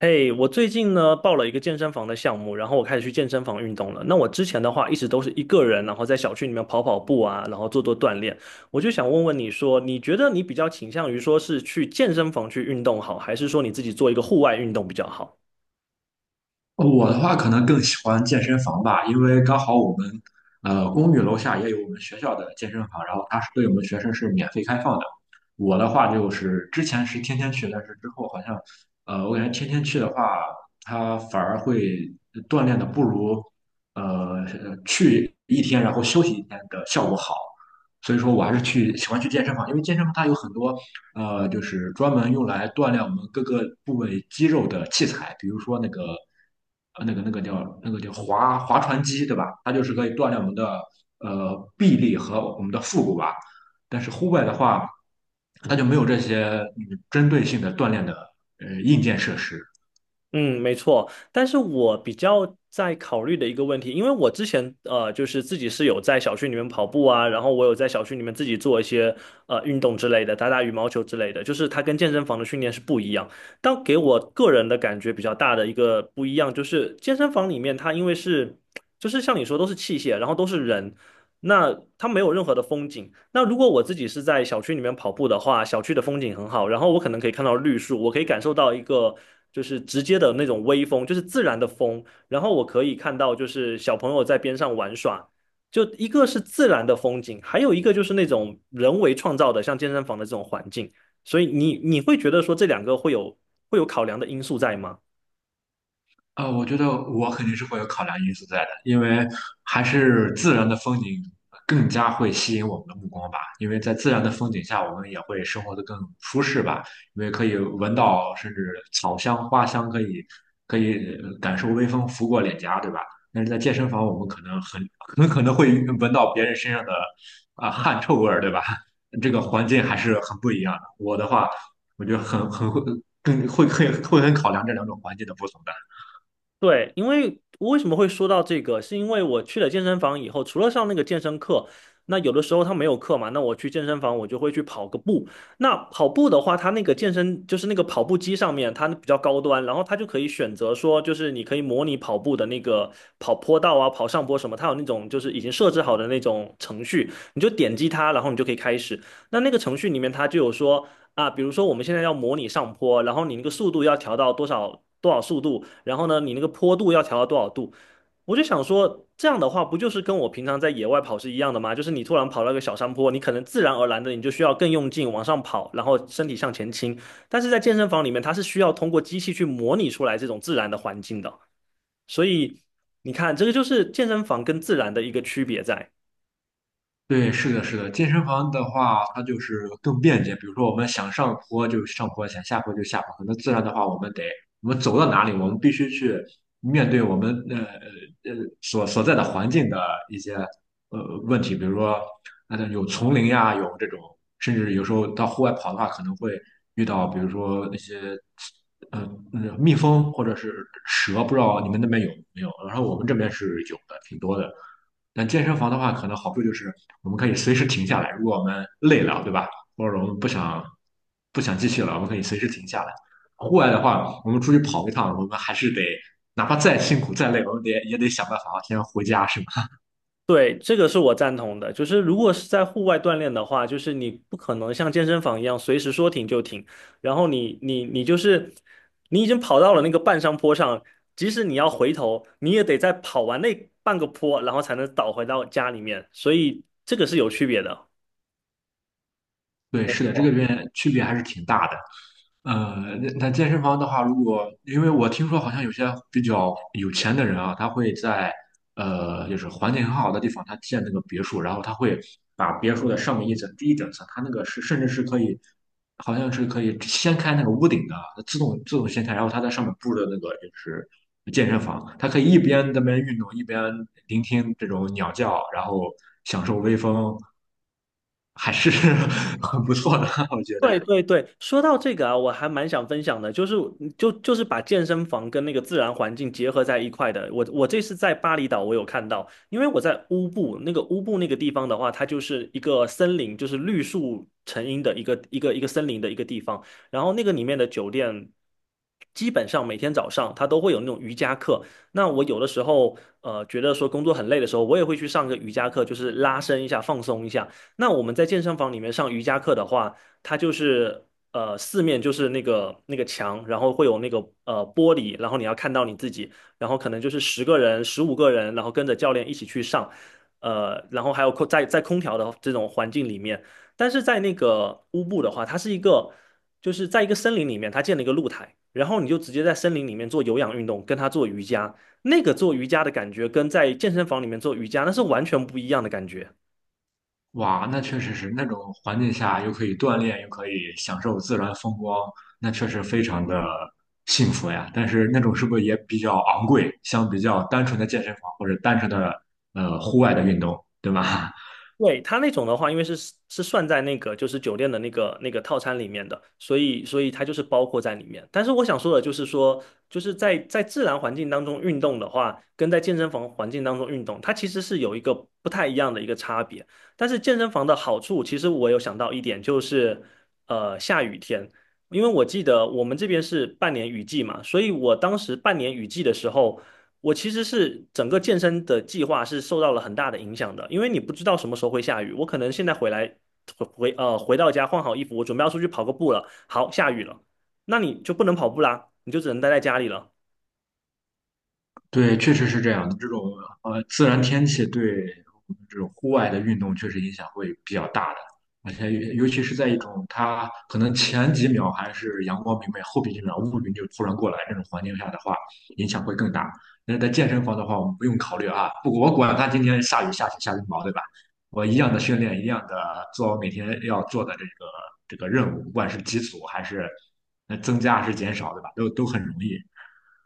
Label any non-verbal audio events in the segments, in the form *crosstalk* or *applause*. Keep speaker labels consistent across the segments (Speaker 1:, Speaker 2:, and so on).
Speaker 1: 嘿，我最近呢报了一个健身房的项目，然后我开始去健身房运动了。那我之前的话一直都是一个人，然后在小区里面跑跑步啊，然后做做锻炼。我就想问问你说，你觉得你比较倾向于说是去健身房去运动好，还是说你自己做一个户外运动比较好？
Speaker 2: 哦我的话可能更喜欢健身房吧，因为刚好我们公寓楼下也有我们学校的健身房，然后它是对我们学生是免费开放的。我的话就是之前是天天去，但是之后好像我感觉天天去的话，它反而会锻炼的不如呃去一天然后休息一天的效果好。所以说我还是去喜欢去健身房，因为健身房它有很多就是专门用来锻炼我们各个部位肌肉的器材，比如说那个呃那个那个叫那个叫划划船机，对吧？它就是可以锻炼我们的臂力和我们的腹股吧。但是户外的话，它就没有这些针对性的锻炼的硬件设施。
Speaker 1: 嗯，没错，但是我比较在考虑的一个问题，因为我之前就是自己是有在小区里面跑步啊，然后我有在小区里面自己做一些运动之类的，打打羽毛球之类的，就是它跟健身房的训练是不一样。但给我个人的感觉比较大的一个不一样，就是健身房里面它因为是，就是像你说都是器械，然后都是人，那它没有任何的风景。那如果我自己是在小区里面跑步的话，小区的风景很好，然后我可能可以看到绿树，我可以感受到一个就是直接的那种微风，就是自然的风，然后我可以看到就是小朋友在边上玩耍。就一个是自然的风景，还有一个就是那种人为创造的，像健身房的这种环境。所以你会觉得说这两个会有考量的因素在吗？
Speaker 2: 啊、我觉得我肯定是会有考量因素在的，因为还是自然的风景更加会吸引我们的目光吧。因为在自然的风景下，我们也会生活的更舒适吧，因为可以闻到甚至草香、花香，可以感受微风拂过脸颊，对吧？但是在健身房，我们可能很可能会闻到别人身上的啊、汗臭味儿，对吧？这个环境还是很不一样的。我的话，我觉得很很会更会会会很考量这两种环境的不同的。
Speaker 1: 对，因为为什么会说到这个，是因为我去了健身房以后，除了上那个健身课，那有的时候他没有课嘛，那我去健身房我就会去跑个步。那跑步的话，他那个健身就是那个跑步机上面，它比较高端，然后它就可以选择说，就是你可以模拟跑步的那个跑坡道啊、跑上坡什么，它有那种就是已经设置好的那种程序，你就点击它，然后你就可以开始。那那个程序里面它就有说。啊，比如说我们现在要模拟上坡，然后你那个速度要调到多少多少速度，然后呢，你那个坡度要调到多少度。我就想说，这样的话不就是跟我平常在野外跑是一样的吗？就是你突然跑到一个小山坡，你可能自然而然的你就需要更用劲往上跑，然后身体向前倾。但是在健身房里面，它是需要通过机器去模拟出来这种自然的环境的。所以你看，这个就是健身房跟自然的一个区别在。
Speaker 2: 对，是的，是的，健身房的话，它就是更便捷。比如说，我们想上坡就上坡，想下坡就下坡。可能自然的话，我们走到哪里，我们必须去面对我们呃所所在的环境的一些问题，比如说那种有丛林呀，有这种，甚至有时候到户外跑的话，可能会遇到比如说那些呃蜜蜂或者是蛇，不知道你们那边有没有？然后我们这边是有的，挺多的。但健身房的话，可能好处就是我们可以随时停下来，如果我们累了，对吧？或者我们不想继续了，我们可以随时停下来。户外的话，我们出去跑一趟，我们还是得哪怕再辛苦再累，我们得也得想办法先回家，是吧？
Speaker 1: 对，这个是我赞同的。就是如果是在户外锻炼的话，就是你不可能像健身房一样随时说停就停，然后你就是已经跑到了那个半山坡上，即使你要回头，你也得再跑完那半个坡，然后才能倒回到家里面。所以这个是有区别的。
Speaker 2: 对，是的，这个边区别还是挺大的。那健身房的话，如果因为我听说好像有些比较有钱的人啊，他会在就是环境很好的地方，他建那个别墅，然后他会把别墅的上面一层、第一整层，他那个是甚至是可以，好像是可以掀开那个屋顶的啊，自动掀开，然后他在上面布的那个就是健身房，他可以一边在那边运动，一边聆听这种鸟叫，然后享受微风，还是 *laughs* 很不错的，我觉得。
Speaker 1: 对对对，说到这个啊，我还蛮想分享的，就是把健身房跟那个自然环境结合在一块的。我这次在巴厘岛，我有看到，因为我在乌布那个地方的话，它就是一个森林，就是绿树成荫的一个森林的一个地方。然后那个里面的酒店，基本上每天早上它都会有那种瑜伽课。那我有的时候觉得说工作很累的时候，我也会去上个瑜伽课，就是拉伸一下，放松一下。那我们在健身房里面上瑜伽课的话。它就是四面就是那个墙，然后会有那个玻璃，然后你要看到你自己，然后可能就是10个人、15个人，然后跟着教练一起去上，然后还有空在空调的这种环境里面，但是在那个乌布的话，它是一个就是在一个森林里面，它建了一个露台，然后你就直接在森林里面做有氧运动，跟他做瑜伽，那个做瑜伽的感觉跟在健身房里面做瑜伽那是完全不一样的感觉。
Speaker 2: 哇，那确实是那种环境下又可以锻炼，又可以享受自然风光，那确实非常的幸福呀。但是那种是不是也比较昂贵，相比较单纯的健身房或者单纯的户外的运动，对吧？
Speaker 1: 对，它那种的话，因为是算在那个就是酒店的那个套餐里面的，所以它就是包括在里面。但是我想说的就是说，就是在自然环境当中运动的话，跟在健身房环境当中运动，它其实是有一个不太一样的一个差别。但是健身房的好处，其实我有想到一点，就是下雨天，因为我记得我们这边是半年雨季嘛，所以我当时半年雨季的时候。我其实是整个健身的计划是受到了很大的影响的，因为你不知道什么时候会下雨。我可能现在回来回回呃回到家换好衣服，我准备要出去跑个步了，好，下雨了，那你就不能跑步啦，你就只能待在家里了。
Speaker 2: 对，确实是这样的。这种自然天气对我们这种户外的运动确实影响会比较大的，而且尤其是在一种它可能前几秒还是阳光明媚，后边几秒乌云就突然过来这种环境下的话，影响会更大。但是在健身房的话，我们不用考虑啊，不，我管它今天下雨下雪下冰雹，对吧？我一样的训练，一样的做我每天要做的这个任务，不管是基础还是增加还是减少，对吧？都都很容易。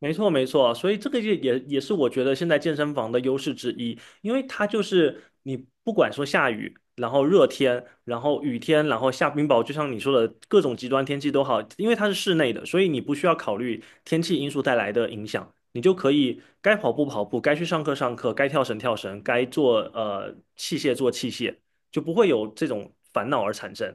Speaker 1: 没错，没错，所以这个也是我觉得现在健身房的优势之一，因为它就是你不管说下雨，然后热天，然后雨天，然后下冰雹，就像你说的各种极端天气都好，因为它是室内的，所以你不需要考虑天气因素带来的影响，你就可以该跑步跑步，该去上课上课，该跳绳跳绳，该做器械做器械，就不会有这种烦恼而产生。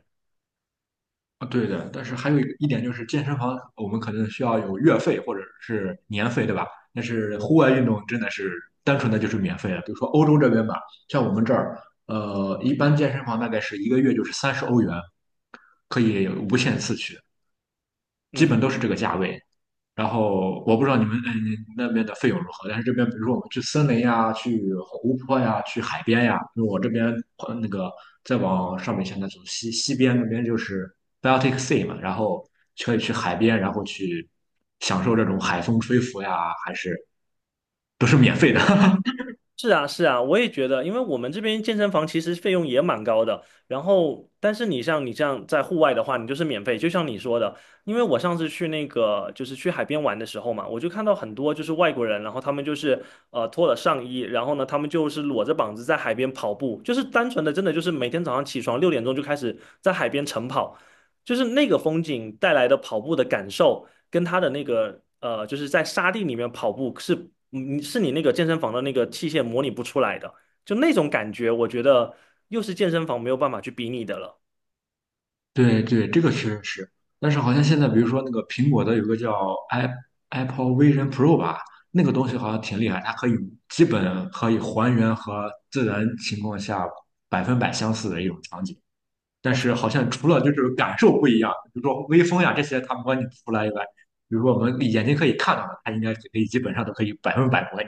Speaker 2: 啊，对的，但是还有一个一点就是健身房，我们可能需要有月费或者是年费，对吧？但是户外运动真的是单纯的就是免费的，比如说欧洲这边吧，像我们这儿，一般健身房大概是一个月就是30 欧元，可以无限次去，基
Speaker 1: 嗯哼。
Speaker 2: 本都是这个价位。然后我不知道你们那边的费用如何，但是这边比如说我们去森林呀、去湖泊呀、去海边呀，因为我这边呃那个再往上面一些，那从西边那边就是 Baltic Sea 嘛，然后可以去海边，然后去享受这种海风吹拂呀，还是都是免费的。*laughs*
Speaker 1: 是啊，是啊，我也觉得，因为我们这边健身房其实费用也蛮高的。然后，但是你像你这样在户外的话，你就是免费，就像你说的。因为我上次去那个就是去海边玩的时候嘛，我就看到很多就是外国人，然后他们就是脱了上衣，然后呢他们就是裸着膀子在海边跑步，就是单纯的真的就是每天早上起床6点钟就开始在海边晨跑，就是那个风景带来的跑步的感受。跟他的那个就是在沙地里面跑步是，你是你那个健身房的那个器械模拟不出来的，就那种感觉，我觉得又是健身房没有办法去比拟的了。
Speaker 2: 对对，这个确实是，但是好像现在，比如说那个苹果的有个叫 i Apple Vision Pro 吧，那个东西好像挺厉害，它可以基本可以还原和自然情况下百分百相似的一种场景，但是好像除了就是感受不一样，比如说微风呀这些它模拟不出来以外，比如说我们眼睛可以看到的，它应该可以基本上都可以百分百模拟。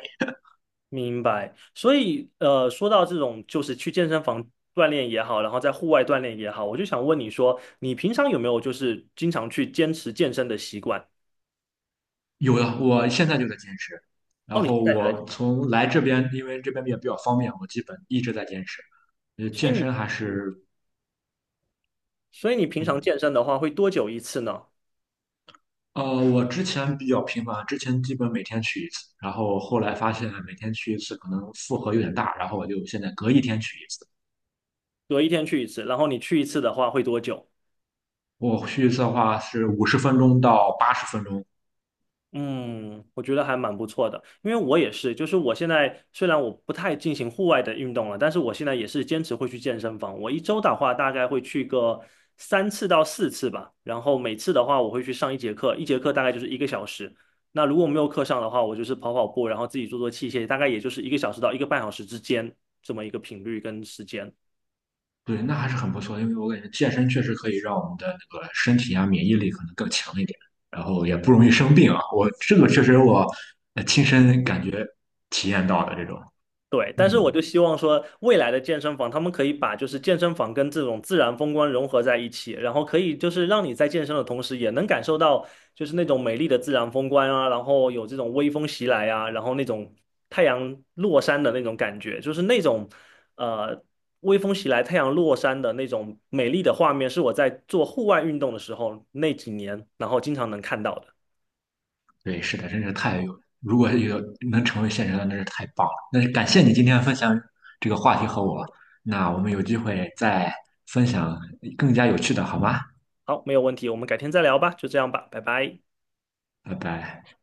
Speaker 1: 明白。所以说到这种就是去健身房锻炼也好，然后在户外锻炼也好，我就想问你说，你平常有没有就是经常去坚持健身的习惯？
Speaker 2: 有的，我现在就在坚持，
Speaker 1: 哦，
Speaker 2: 然
Speaker 1: 你现
Speaker 2: 后
Speaker 1: 在对，
Speaker 2: 我从来这边，因为这边也比较方便，我基本一直在坚持。呃，
Speaker 1: 所以
Speaker 2: 健
Speaker 1: 你，
Speaker 2: 身还
Speaker 1: 嗯
Speaker 2: 是，
Speaker 1: 所以你平
Speaker 2: 嗯，
Speaker 1: 常健身的话会多久一次呢？
Speaker 2: 我之前比较频繁，之前基本每天去一次，然后后来发现每天去一次可能负荷有点大，然后我就现在隔一天去一次。
Speaker 1: 比如一天去一次，然后你去一次的话会多久？
Speaker 2: 我去一次的话是50 分钟到80 分钟，
Speaker 1: 嗯，我觉得还蛮不错的，因为我也是，就是我现在虽然我不太进行户外的运动了，但是我现在也是坚持会去健身房。我一周的话，大概会去个3次到4次吧，然后每次的话，我会去上一节课，一节课大概就是一个小时。那如果没有课上的话，我就是跑跑步，然后自己做做器械，大概也就是一个小时到一个半小时之间这么一个频率跟时间。
Speaker 2: 对，那还是很不错，因为我感觉健身确实可以让我们的那个身体啊免疫力可能更强一点，然后也不容易生病啊。我这个确实我亲身感觉体验到的这种，
Speaker 1: 对，但是我
Speaker 2: 嗯。
Speaker 1: 就希望说，未来的健身房他们可以把就是健身房跟这种自然风光融合在一起，然后可以就是让你在健身的同时，也能感受到就是那种美丽的自然风光啊，然后有这种微风袭来啊，然后那种太阳落山的那种感觉，就是那种呃微风袭来、太阳落山的那种美丽的画面，是我在做户外运动的时候那几年，然后经常能看到的。
Speaker 2: 对，是的，真是太有，如果有能成为现实的，那是太棒了。那感谢你今天分享这个话题和我，那我们有机会再分享更加有趣的，好吗？
Speaker 1: 好，没有问题，我们改天再聊吧，就这样吧，拜拜。
Speaker 2: 拜拜。